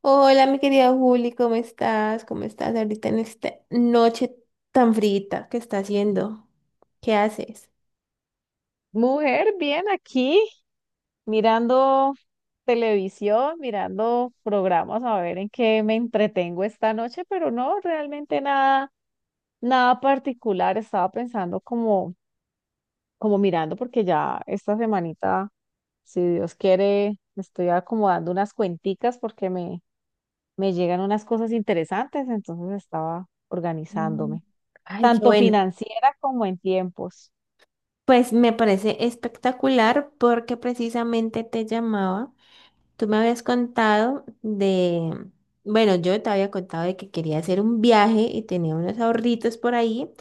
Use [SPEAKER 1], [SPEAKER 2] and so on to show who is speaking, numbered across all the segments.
[SPEAKER 1] Hola, mi querida Juli, ¿cómo estás? ¿Cómo estás ahorita en esta noche tan frita que está haciendo? ¿Qué haces?
[SPEAKER 2] Mujer, bien aquí, mirando televisión, mirando programas, a ver en qué me entretengo esta noche, pero no, realmente nada, nada particular. Estaba pensando como mirando, porque ya esta semanita, si Dios quiere, estoy acomodando unas cuenticas me llegan unas cosas interesantes, entonces estaba
[SPEAKER 1] Mm,
[SPEAKER 2] organizándome,
[SPEAKER 1] Ay, qué
[SPEAKER 2] tanto
[SPEAKER 1] bueno.
[SPEAKER 2] financiera como en tiempos.
[SPEAKER 1] Pues me parece espectacular porque precisamente te llamaba. Tú me habías bueno, yo te había contado de que quería hacer un viaje y tenía unos ahorritos por ahí.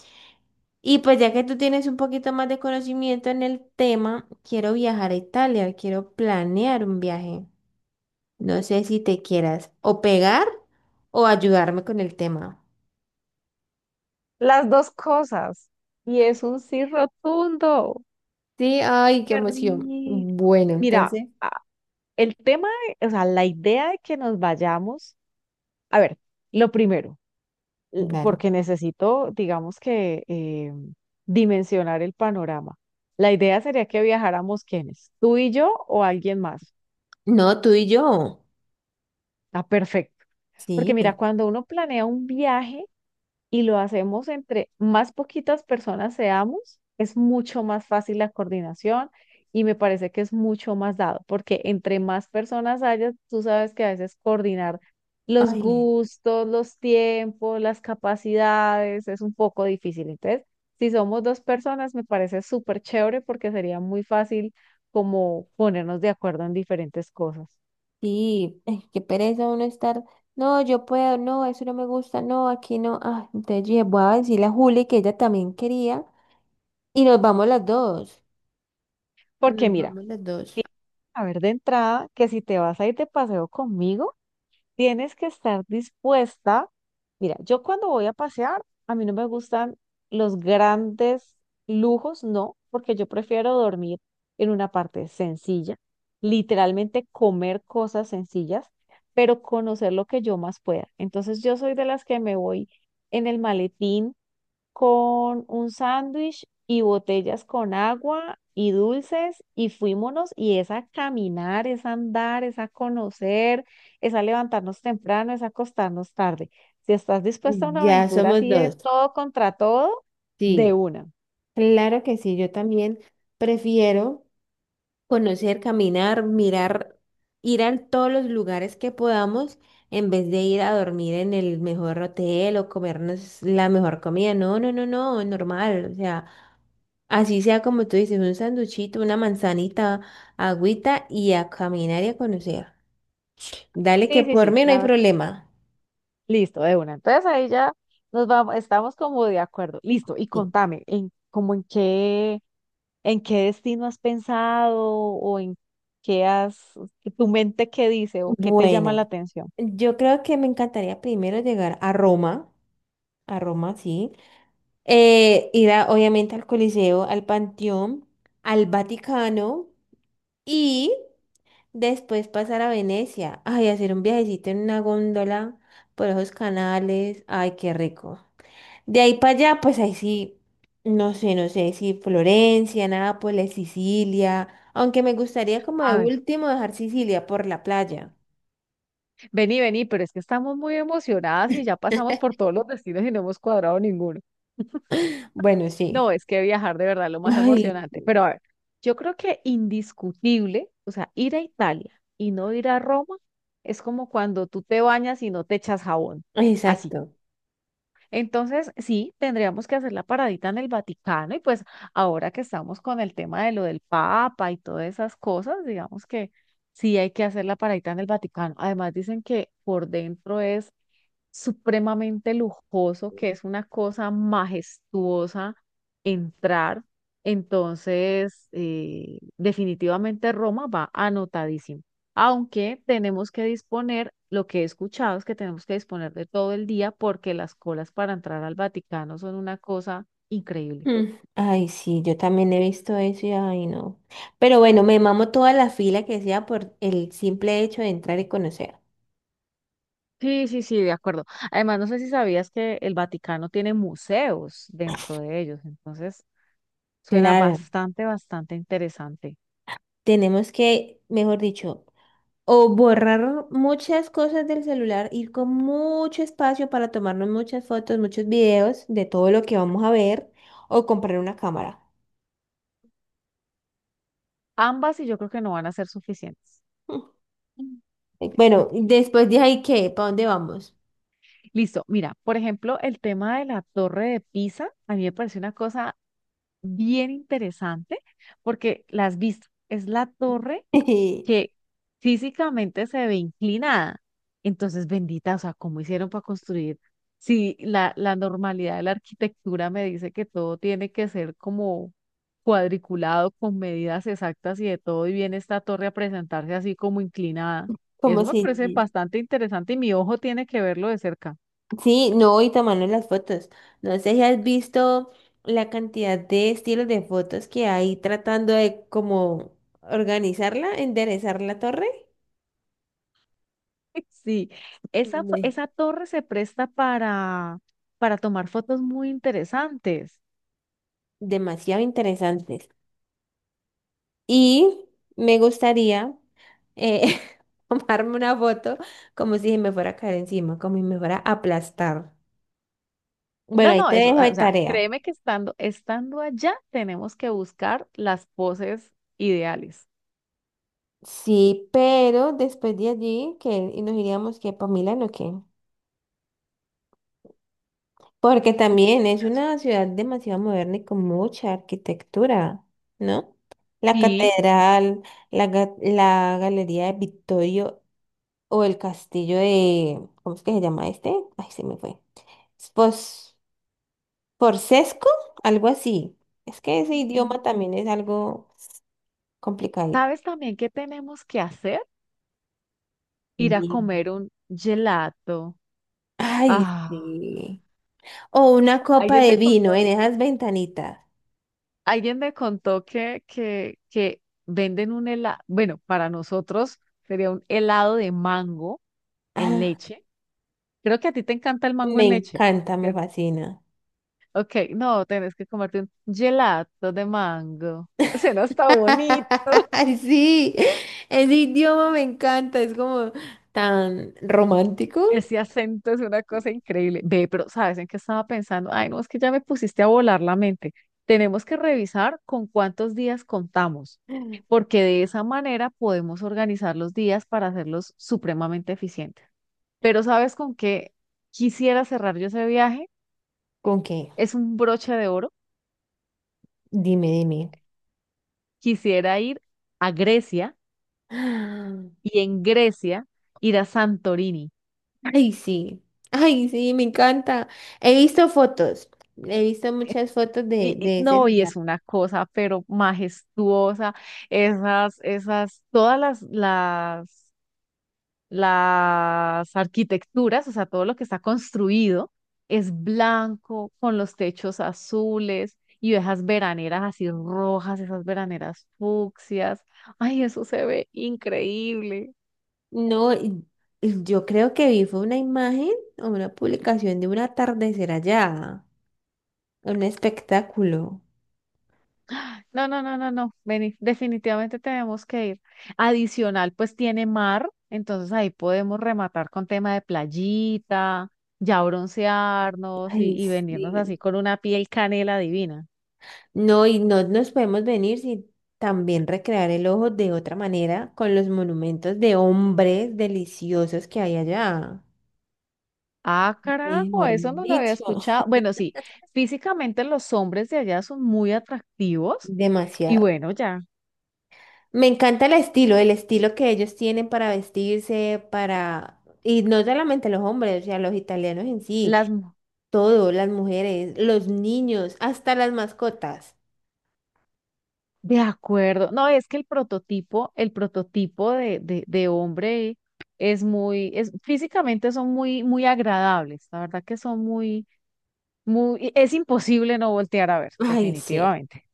[SPEAKER 1] Y pues ya que tú tienes un poquito más de conocimiento en el tema, quiero viajar a Italia, quiero planear un viaje. No sé si te quieras o pegar o ayudarme con el tema.
[SPEAKER 2] Las dos cosas. Y es un sí rotundo.
[SPEAKER 1] Sí, ay, qué
[SPEAKER 2] Qué
[SPEAKER 1] emoción.
[SPEAKER 2] rico.
[SPEAKER 1] Bueno,
[SPEAKER 2] Mira,
[SPEAKER 1] entonces,
[SPEAKER 2] a- el tema, o sea, la idea de que nos vayamos, a ver, lo primero,
[SPEAKER 1] dale.
[SPEAKER 2] porque necesito, digamos que, dimensionar el panorama. La idea sería que viajáramos quiénes, ¿tú y yo o alguien más?
[SPEAKER 1] No, tú y yo.
[SPEAKER 2] Ah, perfecto. Porque mira,
[SPEAKER 1] Sí.
[SPEAKER 2] cuando uno planea un viaje, y lo hacemos entre más poquitas personas seamos, es mucho más fácil la coordinación, y me parece que es mucho más dado, porque entre más personas hayas, tú sabes que a veces coordinar los
[SPEAKER 1] Ay,
[SPEAKER 2] gustos, los tiempos, las capacidades es un poco difícil. Entonces, si somos dos personas, me parece súper chévere porque sería muy fácil como ponernos de acuerdo en diferentes cosas.
[SPEAKER 1] sí, ay, qué pereza uno estar. No, yo puedo, no, eso no me gusta, no, aquí no. Ah, entonces yo dije, voy a decirle a Juli que ella también quería y nos vamos las dos.
[SPEAKER 2] Porque
[SPEAKER 1] Nos
[SPEAKER 2] mira,
[SPEAKER 1] vamos las dos.
[SPEAKER 2] tienes que saber de entrada que si te vas a ir de paseo conmigo, tienes que estar dispuesta. Mira, yo cuando voy a pasear, a mí no me gustan los grandes lujos, no, porque yo prefiero dormir en una parte sencilla, literalmente comer cosas sencillas, pero conocer lo que yo más pueda. Entonces yo soy de las que me voy en el maletín con un sándwich y botellas con agua y dulces y fuímonos y es a caminar, es a andar, es a conocer, es a levantarnos temprano, es a acostarnos tarde. Si estás dispuesta a una
[SPEAKER 1] Ya
[SPEAKER 2] aventura
[SPEAKER 1] somos
[SPEAKER 2] así de
[SPEAKER 1] dos.
[SPEAKER 2] todo contra todo, de
[SPEAKER 1] Sí,
[SPEAKER 2] una.
[SPEAKER 1] claro que sí, yo también prefiero conocer, caminar, mirar, ir a todos los lugares que podamos en vez de ir a dormir en el mejor hotel o comernos la mejor comida. No, no, no, no, normal. O sea, así sea como tú dices, un sanduchito, una manzanita, agüita y a caminar y a conocer. Dale que
[SPEAKER 2] Sí, sí,
[SPEAKER 1] por
[SPEAKER 2] sí,
[SPEAKER 1] mí no hay problema.
[SPEAKER 2] listo, de una. Entonces ahí ya nos vamos, estamos como de acuerdo. Listo, y
[SPEAKER 1] Sí.
[SPEAKER 2] contame, ¿en qué destino has pensado o en qué has, tu mente qué dice o qué te llama
[SPEAKER 1] Bueno,
[SPEAKER 2] la atención?
[SPEAKER 1] yo creo que me encantaría primero llegar a Roma, sí. Obviamente al Coliseo, al Panteón, al Vaticano y después pasar a Venecia. Ay, hacer un viajecito en una góndola por esos canales. Ay, qué rico. De ahí para allá, pues ahí sí, no sé, no sé si Florencia, Nápoles, Sicilia. Aunque me gustaría como de
[SPEAKER 2] A ver,
[SPEAKER 1] último dejar Sicilia por la playa.
[SPEAKER 2] vení, pero es que estamos muy emocionadas y ya pasamos por todos los destinos y no hemos cuadrado ninguno.
[SPEAKER 1] Bueno, sí.
[SPEAKER 2] No, es que viajar de verdad es lo más
[SPEAKER 1] Ay,
[SPEAKER 2] emocionante. Pero a ver, yo creo que indiscutible, o sea, ir a Italia y no ir a Roma es como cuando tú te bañas y no te echas jabón. Así.
[SPEAKER 1] exacto.
[SPEAKER 2] Entonces, sí, tendríamos que hacer la paradita en el Vaticano y pues ahora que estamos con el tema de lo del Papa y todas esas cosas, digamos que sí hay que hacer la paradita en el Vaticano. Además, dicen que por dentro es supremamente lujoso, que es una cosa majestuosa entrar. Entonces, definitivamente Roma va anotadísimo. Aunque tenemos que disponer, lo que he escuchado es que tenemos que disponer de todo el día porque las colas para entrar al Vaticano son una cosa increíble.
[SPEAKER 1] Mm. Ay, sí, yo también he visto eso y ay, no. Pero bueno, me mamo toda la fila que sea por el simple hecho de entrar y conocer.
[SPEAKER 2] Sí, sí, sí, de acuerdo. Además, no sé si sabías que el Vaticano tiene museos dentro de ellos, entonces suena
[SPEAKER 1] Claro,
[SPEAKER 2] bastante, bastante interesante.
[SPEAKER 1] tenemos que, mejor dicho, o borrar muchas cosas del celular, ir con mucho espacio para tomarnos muchas fotos, muchos videos de todo lo que vamos a ver, o comprar una cámara.
[SPEAKER 2] Ambas y yo creo que no van a ser suficientes.
[SPEAKER 1] Mm. Bueno, después de ahí, ¿qué? ¿Para dónde vamos?
[SPEAKER 2] Listo, mira, por ejemplo, el tema de la torre de Pisa, a mí me parece una cosa bien interesante porque las vistas, es la torre que físicamente se ve inclinada. Entonces, bendita, o sea, ¿cómo hicieron para construir? Si la normalidad de la arquitectura me dice que todo tiene que ser como cuadriculado, con medidas exactas y de todo, y viene esta torre a presentarse así como inclinada.
[SPEAKER 1] Como
[SPEAKER 2] Eso me parece
[SPEAKER 1] si...
[SPEAKER 2] bastante interesante y mi ojo tiene que verlo de cerca.
[SPEAKER 1] Sí, no, y tomando las fotos. No sé si has visto la cantidad de estilos de fotos que hay tratando de como organizarla, enderezar la torre.
[SPEAKER 2] Sí,
[SPEAKER 1] Me-
[SPEAKER 2] esa torre se presta para tomar fotos muy interesantes.
[SPEAKER 1] Demasiado interesantes. Y me gustaría eh, tomarme una foto como si me fuera a caer encima, como si me fuera a aplastar.
[SPEAKER 2] No,
[SPEAKER 1] Bueno, ahí
[SPEAKER 2] no,
[SPEAKER 1] te
[SPEAKER 2] eso,
[SPEAKER 1] dejo
[SPEAKER 2] ah,
[SPEAKER 1] de
[SPEAKER 2] o sea,
[SPEAKER 1] tarea.
[SPEAKER 2] créeme que estando allá tenemos que buscar las poses ideales.
[SPEAKER 1] Sí, pero después de allí, que nos iríamos que para Milán o qué? Porque también es
[SPEAKER 2] Verás.
[SPEAKER 1] una ciudad demasiado moderna y con mucha arquitectura, ¿no? La
[SPEAKER 2] Sí, sí.
[SPEAKER 1] catedral, la galería de Vittorio o el castillo de, ¿cómo es que se llama este? Ay, se me fue. Pos, Porsesco, algo así. Es que ese
[SPEAKER 2] Ujú.
[SPEAKER 1] idioma también es algo complicado.
[SPEAKER 2] ¿Sabes también qué tenemos que hacer? Ir a
[SPEAKER 1] Bien.
[SPEAKER 2] comer un gelato.
[SPEAKER 1] Ay,
[SPEAKER 2] Ah,
[SPEAKER 1] sí. O una copa
[SPEAKER 2] alguien
[SPEAKER 1] de
[SPEAKER 2] me
[SPEAKER 1] vino
[SPEAKER 2] contó,
[SPEAKER 1] en esas ventanitas.
[SPEAKER 2] alguien me contó que venden un helado, bueno, para nosotros sería un helado de mango en
[SPEAKER 1] Ah,
[SPEAKER 2] leche. Creo que a ti te encanta el mango
[SPEAKER 1] me
[SPEAKER 2] en leche,
[SPEAKER 1] encanta, me
[SPEAKER 2] ¿cierto?
[SPEAKER 1] fascina.
[SPEAKER 2] Ok, no, tenés que comerte un gelato de mango. Suena hasta bonito.
[SPEAKER 1] Ay, sí, ese idioma me encanta, es como tan romántico.
[SPEAKER 2] Ese acento es una cosa increíble. Ve, pero ¿sabes en qué estaba pensando? Ay, no, es que ya me pusiste a volar la mente. Tenemos que revisar con cuántos días contamos, porque de esa manera podemos organizar los días para hacerlos supremamente eficientes. Pero ¿sabes con qué quisiera cerrar yo ese viaje?
[SPEAKER 1] ¿Con qué?
[SPEAKER 2] Es un broche de oro.
[SPEAKER 1] Dime, dime.
[SPEAKER 2] Quisiera ir a Grecia
[SPEAKER 1] Ah,
[SPEAKER 2] y en Grecia ir a Santorini.
[SPEAKER 1] ay, sí, ay, sí, me encanta. He visto fotos, he visto muchas fotos de ese
[SPEAKER 2] No, y es
[SPEAKER 1] lugar.
[SPEAKER 2] una cosa, pero majestuosa, todas las arquitecturas, o sea, todo lo que está construido es blanco, con los techos azules y esas veraneras así rojas, esas veraneras fucsias. Ay, eso se ve increíble.
[SPEAKER 1] No, y yo creo que vi fue una imagen o una publicación de un atardecer allá, un espectáculo.
[SPEAKER 2] No, no, no, no, no. Vení, definitivamente tenemos que ir. Adicional, pues tiene mar, entonces ahí podemos rematar con tema de playita, ya broncearnos
[SPEAKER 1] Ay,
[SPEAKER 2] y venirnos
[SPEAKER 1] sí.
[SPEAKER 2] así con una piel canela divina.
[SPEAKER 1] No, y no nos podemos venir sin también recrear el ojo de otra manera con los monumentos de hombres deliciosos que hay allá.
[SPEAKER 2] Ah, carajo,
[SPEAKER 1] Mejor
[SPEAKER 2] eso no lo había
[SPEAKER 1] dicho.
[SPEAKER 2] escuchado. Bueno, sí, físicamente los hombres de allá son muy atractivos y
[SPEAKER 1] Demasiado.
[SPEAKER 2] bueno, ya.
[SPEAKER 1] Me encanta el estilo que ellos tienen para vestirse, para... Y no solamente los hombres, o sea, los italianos en sí,
[SPEAKER 2] Las mujeres.
[SPEAKER 1] todo, las mujeres, los niños, hasta las mascotas.
[SPEAKER 2] De acuerdo. No, es que el prototipo de hombre es muy, es, físicamente son muy, muy agradables. La verdad que son muy, muy, es imposible no voltear a ver,
[SPEAKER 1] Ay, sí,
[SPEAKER 2] definitivamente.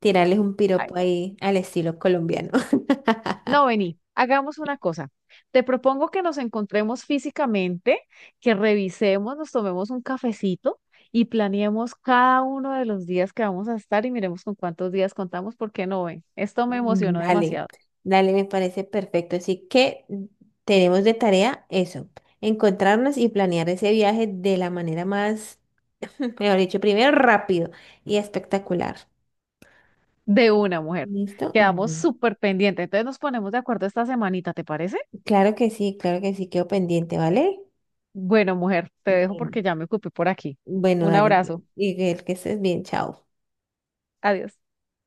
[SPEAKER 1] tirarles un
[SPEAKER 2] Ay,
[SPEAKER 1] piropo
[SPEAKER 2] no.
[SPEAKER 1] ahí al estilo colombiano.
[SPEAKER 2] No, vení, hagamos una cosa. Te propongo que nos encontremos físicamente, que revisemos, nos tomemos un cafecito y planeemos cada uno de los días que vamos a estar y miremos con cuántos días contamos, porque no, ven, esto me
[SPEAKER 1] Mm,
[SPEAKER 2] emocionó
[SPEAKER 1] dale,
[SPEAKER 2] demasiado.
[SPEAKER 1] dale, me parece perfecto. Así que tenemos de tarea eso, encontrarnos y planear ese viaje de la manera más, mejor dicho, primero rápido y espectacular.
[SPEAKER 2] De una mujer.
[SPEAKER 1] ¿Listo?
[SPEAKER 2] Quedamos
[SPEAKER 1] Bueno,
[SPEAKER 2] súper pendientes. Entonces nos ponemos de acuerdo esta semanita, ¿te parece?
[SPEAKER 1] claro que sí, claro que sí, quedo pendiente, ¿vale?
[SPEAKER 2] Bueno, mujer, te dejo
[SPEAKER 1] Bien.
[SPEAKER 2] porque ya me ocupé por aquí.
[SPEAKER 1] Bueno,
[SPEAKER 2] Un
[SPEAKER 1] dale,
[SPEAKER 2] abrazo.
[SPEAKER 1] y que estés bien, chao.
[SPEAKER 2] Adiós.